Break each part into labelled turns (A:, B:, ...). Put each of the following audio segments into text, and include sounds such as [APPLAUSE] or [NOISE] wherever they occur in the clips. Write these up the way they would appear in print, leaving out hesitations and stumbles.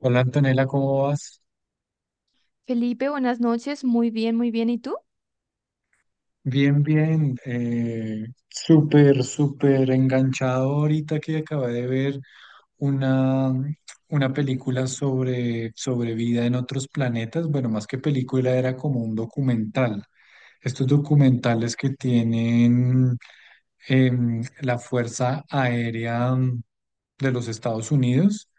A: Hola Antonella, ¿cómo vas?
B: Felipe, buenas noches. Muy bien, muy bien. ¿Y tú?
A: Bien, bien. Súper, súper enganchado ahorita que acabé de ver una, una película sobre vida en otros planetas. Bueno, más que película, era como un documental. Estos documentales que tienen la Fuerza Aérea de los Estados Unidos,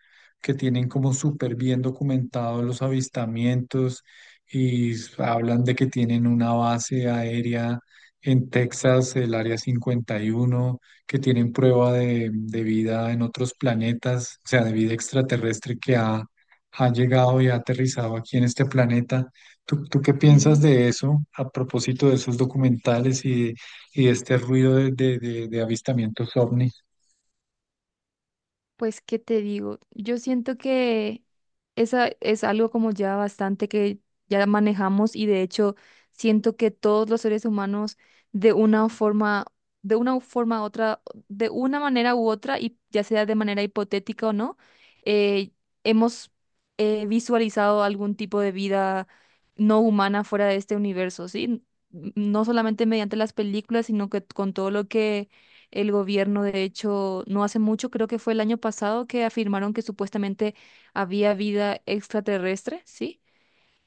A: que tienen como súper bien documentados los avistamientos y hablan de que tienen una base aérea en Texas, el Área cincuenta y uno, que tienen prueba de vida en otros planetas, o sea, de vida extraterrestre que ha llegado y ha aterrizado aquí en este planeta. ¿Tú qué piensas
B: Sí.
A: de eso a propósito de esos documentales y de este ruido de avistamientos ovnis?
B: Pues, ¿qué te digo? Yo siento que esa es algo como ya bastante que ya manejamos, y de hecho siento que todos los seres humanos, de una forma, de una forma u otra, de una manera u otra, y ya sea de manera hipotética o no, eh, hemos visualizado algún tipo de vida no humana fuera de este universo, ¿sí? No solamente mediante las películas, sino que con todo lo que. El gobierno, de hecho, no hace mucho, creo que fue el año pasado, que afirmaron que supuestamente había vida extraterrestre, ¿sí?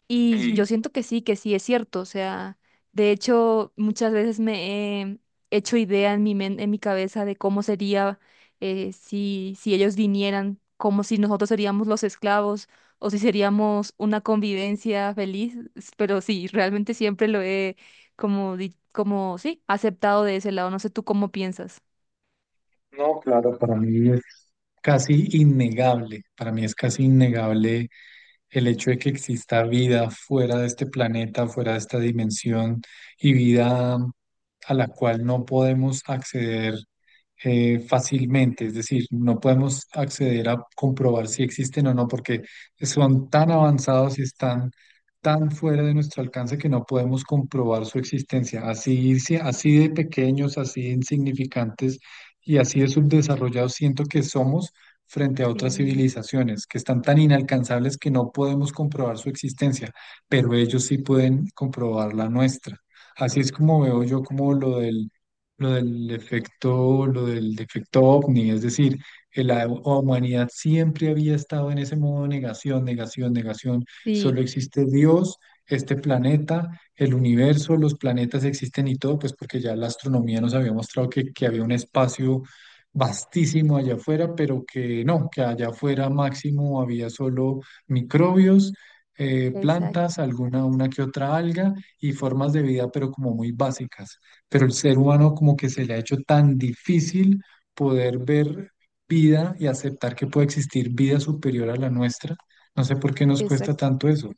B: Y yo
A: Y
B: siento que sí es cierto. O sea, de hecho, muchas veces me he hecho idea en mi cabeza de cómo sería, si ellos vinieran, como si nosotros seríamos los esclavos o si seríamos una convivencia feliz. Pero sí, realmente siempre lo he como, como, sí, aceptado de ese lado. No sé tú cómo piensas.
A: no, claro, para mí es casi innegable, para mí es casi innegable el hecho de que exista vida fuera de este planeta, fuera de esta dimensión y vida a la cual no podemos acceder fácilmente, es decir, no podemos acceder a comprobar si existen o no, porque son tan avanzados y están tan fuera de nuestro alcance que no podemos comprobar su existencia, así, si, así de pequeños, así de insignificantes y así de subdesarrollados siento que somos frente a otras
B: Sí.
A: civilizaciones que están tan inalcanzables que no podemos comprobar su existencia, pero ellos sí pueden comprobar la nuestra. Así es como veo yo como lo del efecto, lo del defecto ovni, es decir, que la humanidad siempre había estado en ese modo de negación, negación, negación,
B: Sí,
A: solo existe Dios, este planeta, el universo, los planetas existen y todo, pues porque ya la astronomía nos había mostrado que había un espacio vastísimo allá afuera, pero que no, que allá afuera máximo había solo microbios,
B: exacto,
A: plantas, alguna una que otra alga y formas de vida, pero como muy básicas. Pero el ser humano como que se le ha hecho tan difícil poder ver vida y aceptar que puede existir vida superior a la nuestra. No sé por qué nos cuesta
B: exacto.
A: tanto eso.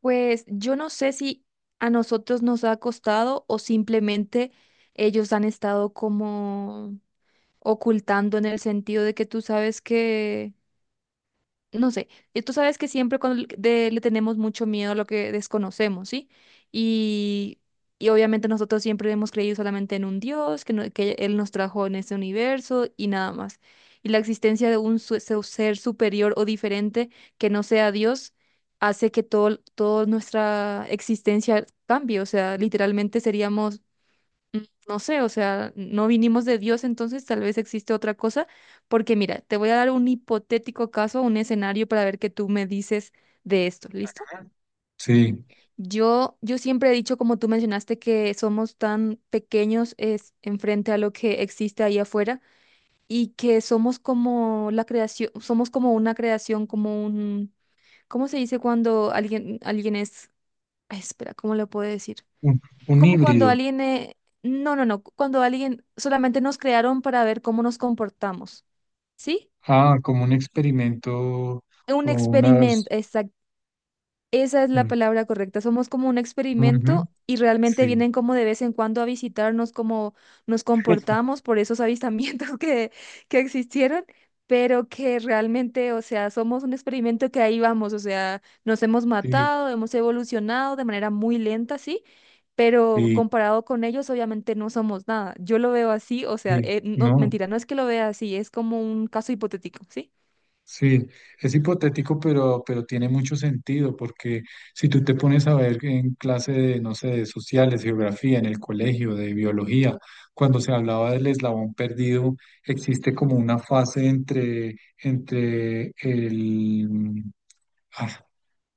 B: Pues yo no sé si a nosotros nos ha costado o simplemente ellos han estado como ocultando, en el sentido de que tú sabes que, no sé, y tú sabes que siempre cuando le tenemos mucho miedo a lo que desconocemos, ¿sí? Y, y obviamente nosotros siempre hemos creído solamente en un Dios, que, no- que Él nos trajo en este universo y nada más. Y la existencia de un ser superior o diferente que no sea Dios hace que todo, toda nuestra existencia cambie, o sea, literalmente seríamos, no sé, o sea, no vinimos de Dios, entonces tal vez existe otra cosa. Porque mira, te voy a dar un hipotético caso, un escenario para ver qué tú me dices de esto, ¿listo?
A: Sí,
B: Yo siempre he dicho, como tú mencionaste, que somos tan pequeños es en frente a lo que existe ahí afuera, y que somos como la creación, somos como una creación, como un... ¿cómo se dice cuando alguien, alguien es... ay, espera, ¿cómo lo puedo decir?
A: un un
B: Como cuando
A: híbrido.
B: alguien, no, no, no, cuando alguien solamente nos crearon para ver cómo nos comportamos, ¿sí?
A: Ah, como un experimento o
B: Un experimento.
A: unas...
B: Esa es la
A: Mm,
B: palabra correcta. Somos como un
A: ujú,
B: experimento, y realmente
A: sí,
B: vienen como de vez en cuando a visitarnos, cómo nos comportamos por esos avistamientos [LAUGHS] que existieron, pero que realmente, o sea, somos un experimento que ahí vamos. O sea, nos hemos
A: sí,
B: matado, hemos evolucionado de manera muy lenta, sí, pero
A: sí,
B: comparado con ellos, obviamente no somos nada. Yo lo veo así, o sea,
A: sí,
B: no,
A: no,
B: mentira, no es que lo vea así, es como un caso hipotético, ¿sí?
A: sí, es hipotético, pero tiene mucho sentido, porque si tú te pones a ver en clase de, no sé, de sociales, geografía, en el colegio, de biología, cuando se hablaba del eslabón perdido, existe como una fase entre el... Ah,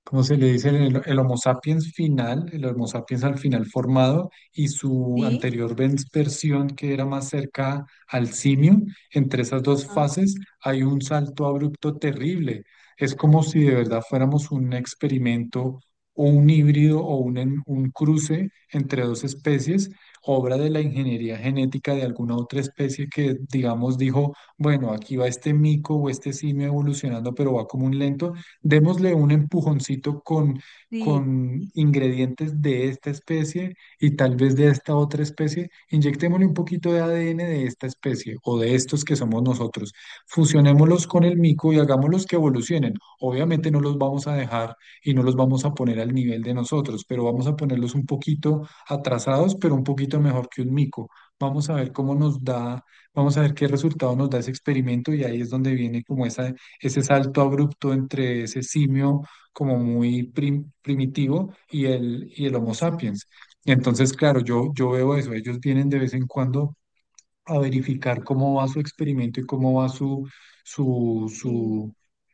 A: ¿cómo se le dice? El Homo sapiens final, el Homo sapiens al final formado y su
B: Sí,
A: anterior versión que era más cerca al simio, entre esas dos
B: ajá.
A: fases hay un salto abrupto terrible. Es como si de verdad fuéramos un experimento o un híbrido o un, un cruce entre dos especies, obra de la ingeniería genética de alguna otra especie que, digamos, dijo, bueno, aquí va este mico o este simio evolucionando, pero va como un lento, démosle un empujoncito
B: Sí,
A: con ingredientes de esta especie y tal vez de esta otra especie, inyectémosle un poquito de ADN de esta especie o de estos que somos nosotros, fusionémoslos con el mico y hagámoslos que evolucionen. Obviamente no los vamos a dejar y no los vamos a poner al nivel de nosotros, pero vamos a ponerlos un poquito atrasados, pero un poquito mejor que un mico. Vamos a ver cómo nos da, vamos a ver qué resultado nos da ese experimento y ahí es donde viene como esa ese salto abrupto entre ese simio como muy primitivo y el Homo
B: exacto.
A: sapiens. Entonces, claro, yo veo eso, ellos vienen de vez en cuando a verificar cómo va su experimento y cómo va su,
B: Sí,
A: su,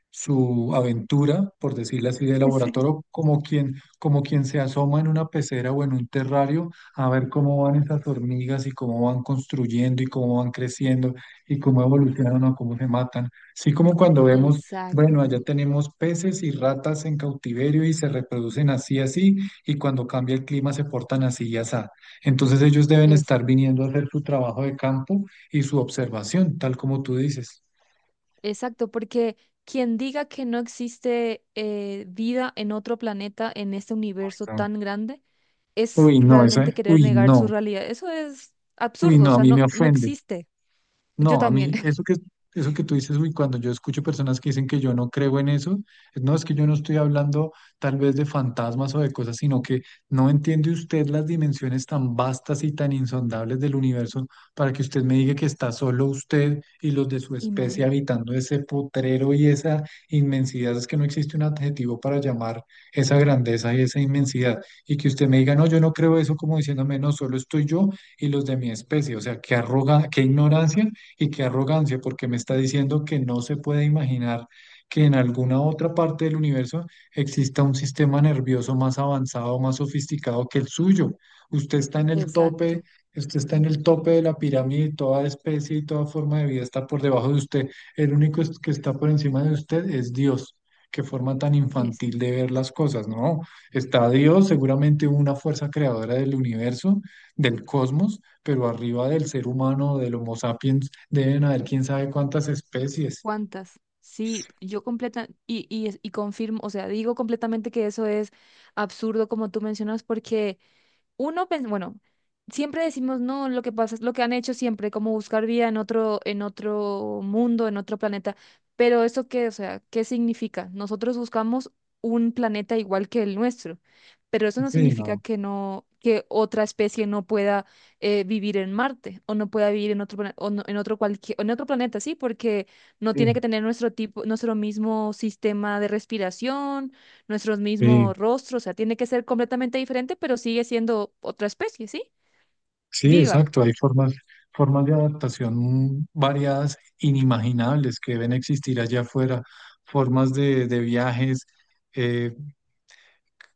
A: su aventura, por decirlo así, de
B: [LAUGHS] sí.
A: laboratorio, como quien se asoma en una pecera o en un terrario a ver cómo van esas hormigas y cómo van construyendo y cómo van creciendo y cómo evolucionan o cómo se matan. Así como cuando vemos, bueno, allá
B: Exacto,
A: tenemos peces y ratas en cautiverio y se reproducen así, así, y cuando cambia el clima se portan así y así. Entonces ellos deben
B: es
A: estar viniendo a hacer su trabajo de campo y su observación, tal como tú dices.
B: exacto, porque quien diga que no existe vida en otro planeta, en este universo
A: No.
B: tan grande, es
A: Uy, no, eso,
B: realmente querer negar su realidad. Eso es
A: uy,
B: absurdo, o
A: no, a
B: sea,
A: mí me
B: no, no
A: ofende.
B: existe. Yo
A: No, a
B: también.
A: mí
B: [LAUGHS]
A: eso que tú dices, uy, cuando yo escucho personas que dicen que yo no creo en eso, no es que yo no estoy hablando tal vez de fantasmas o de cosas, sino que no entiende usted las dimensiones tan vastas y tan insondables del universo para que usted me diga que está solo usted y los de su especie
B: Imagina.
A: habitando ese potrero y esa inmensidad. Es que no existe un adjetivo para llamar esa grandeza y esa inmensidad. Y que usted me diga, no, yo no creo eso como diciéndome, no, solo estoy yo y los de mi especie. O sea, qué arroga, qué ignorancia y qué arrogancia, porque me está diciendo que no se puede imaginar que en alguna otra parte del universo exista un sistema nervioso más avanzado, más sofisticado que el suyo. Usted está en el tope,
B: Exacto,
A: usted está en el tope de la pirámide, y toda especie y toda forma de vida está por debajo de usted. El único que está por encima de usted es Dios. Qué forma tan infantil
B: exacto.
A: de ver las cosas, ¿no? Está Dios, seguramente una fuerza creadora del universo, del cosmos, pero arriba del ser humano, del Homo sapiens, deben haber quién sabe cuántas especies.
B: ¿Cuántas? Sí, yo completa y confirmo, o sea, digo completamente que eso es absurdo, como tú mencionas. Porque uno, bueno, siempre decimos, no, lo que pasa es lo que han hecho siempre, como buscar vida en otro mundo, en otro planeta. Pero ¿eso qué? O sea, ¿qué significa? Nosotros buscamos un planeta igual que el nuestro, pero eso no
A: Sí,
B: significa
A: no.
B: que no, que otra especie no pueda, vivir en Marte o no pueda vivir en otro, plane- o no- en otro cualquier, en otro planeta, sí, porque no tiene
A: Sí,
B: que tener nuestro tipo, nuestro mismo sistema de respiración, nuestros
A: sí,
B: mismos rostros. O sea, tiene que ser completamente diferente, pero sigue siendo otra especie, ¿sí?
A: sí,
B: Viva.
A: exacto. Hay formas, formas de adaptación variadas, inimaginables, que deben existir allá afuera, formas de viajes, eh,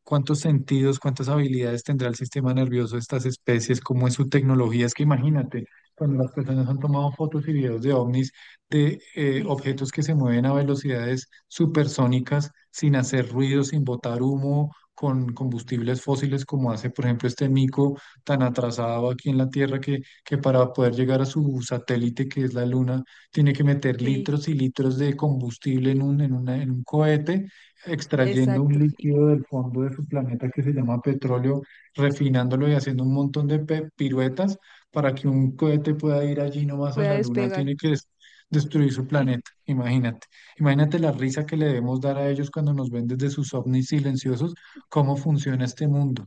A: cuántos sentidos, cuántas habilidades tendrá el sistema nervioso de estas especies, cómo es su tecnología. Es que imagínate, cuando las personas han tomado fotos y videos de ovnis, de objetos
B: Exacto.
A: que se mueven a velocidades supersónicas, sin hacer ruido, sin botar humo, con combustibles fósiles, como hace, por ejemplo, este mico tan atrasado aquí en la Tierra que para poder llegar a su satélite, que es la Luna, tiene que meter
B: Sí,
A: litros y litros de combustible en un, en un cohete extrayendo un
B: exacto.
A: líquido del fondo de su planeta que se llama petróleo, refinándolo y haciendo un montón de piruetas para que un cohete pueda ir allí nomás a
B: Voy a
A: la luna, tiene
B: despegar.
A: que destruir su planeta.
B: [LAUGHS]
A: Imagínate, imagínate la risa que le debemos dar a ellos cuando nos ven desde sus ovnis silenciosos, cómo funciona este mundo.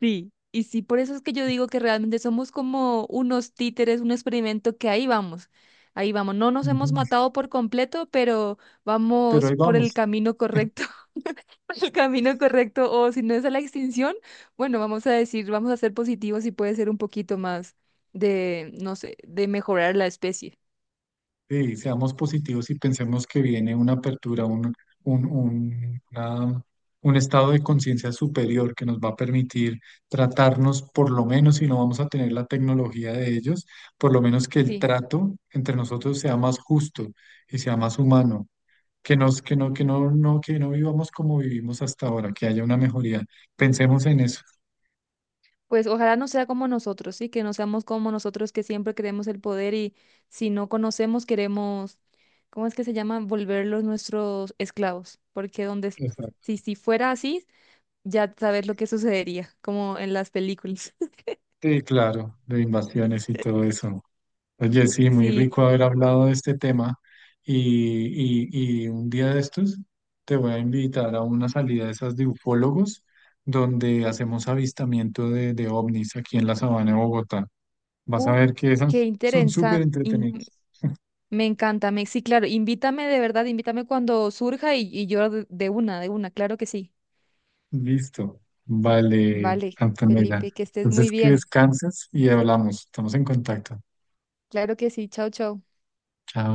B: Sí, y sí, por eso es que yo digo que realmente somos como unos títeres, un experimento que ahí vamos, ahí vamos. No nos hemos
A: Ujú.
B: matado por completo, pero
A: Pero
B: vamos
A: ahí
B: por el
A: vamos.
B: camino correcto. [LAUGHS] Por el camino correcto. O si no, es a la extinción. Bueno, vamos a decir, vamos a ser positivos, y puede ser un poquito más de, no sé, de mejorar la especie.
A: Sí, seamos positivos y pensemos que viene una apertura, un, un, una- un estado de conciencia superior que nos va a permitir tratarnos, por lo menos si no vamos a tener la tecnología de ellos, por lo menos que el
B: Sí,
A: trato entre nosotros sea más justo y sea más humano, que nos, que no, no, que no vivamos como vivimos hasta ahora, que haya una mejoría. Pensemos en eso.
B: pues ojalá no sea como nosotros, sí, que no seamos como nosotros, que siempre queremos el poder, y si no conocemos queremos, ¿cómo es que se llama? Volverlos nuestros esclavos. Porque donde
A: Exacto.
B: si fuera así, ya sabes lo que sucedería, como en las películas. [LAUGHS]
A: Sí, claro, de invasiones y todo eso. Oye, sí, muy
B: Sí,
A: rico haber hablado de este tema y un día de estos te voy a invitar a una salida de esas de ufólogos donde hacemos avistamiento de ovnis aquí en la sabana de Bogotá. Vas a
B: uh,
A: ver que
B: qué
A: esas son súper
B: interesante,
A: entretenidos.
B: me encanta, me, sí, claro, invítame de verdad, invítame cuando surja, y yo de una, de una, claro que sí.
A: Listo. Vale,
B: Vale,
A: Antonella.
B: Felipe, que estés muy
A: Entonces que
B: bien.
A: descanses y hablamos. Estamos en contacto.
B: Claro que sí, chao, chao.
A: Chao.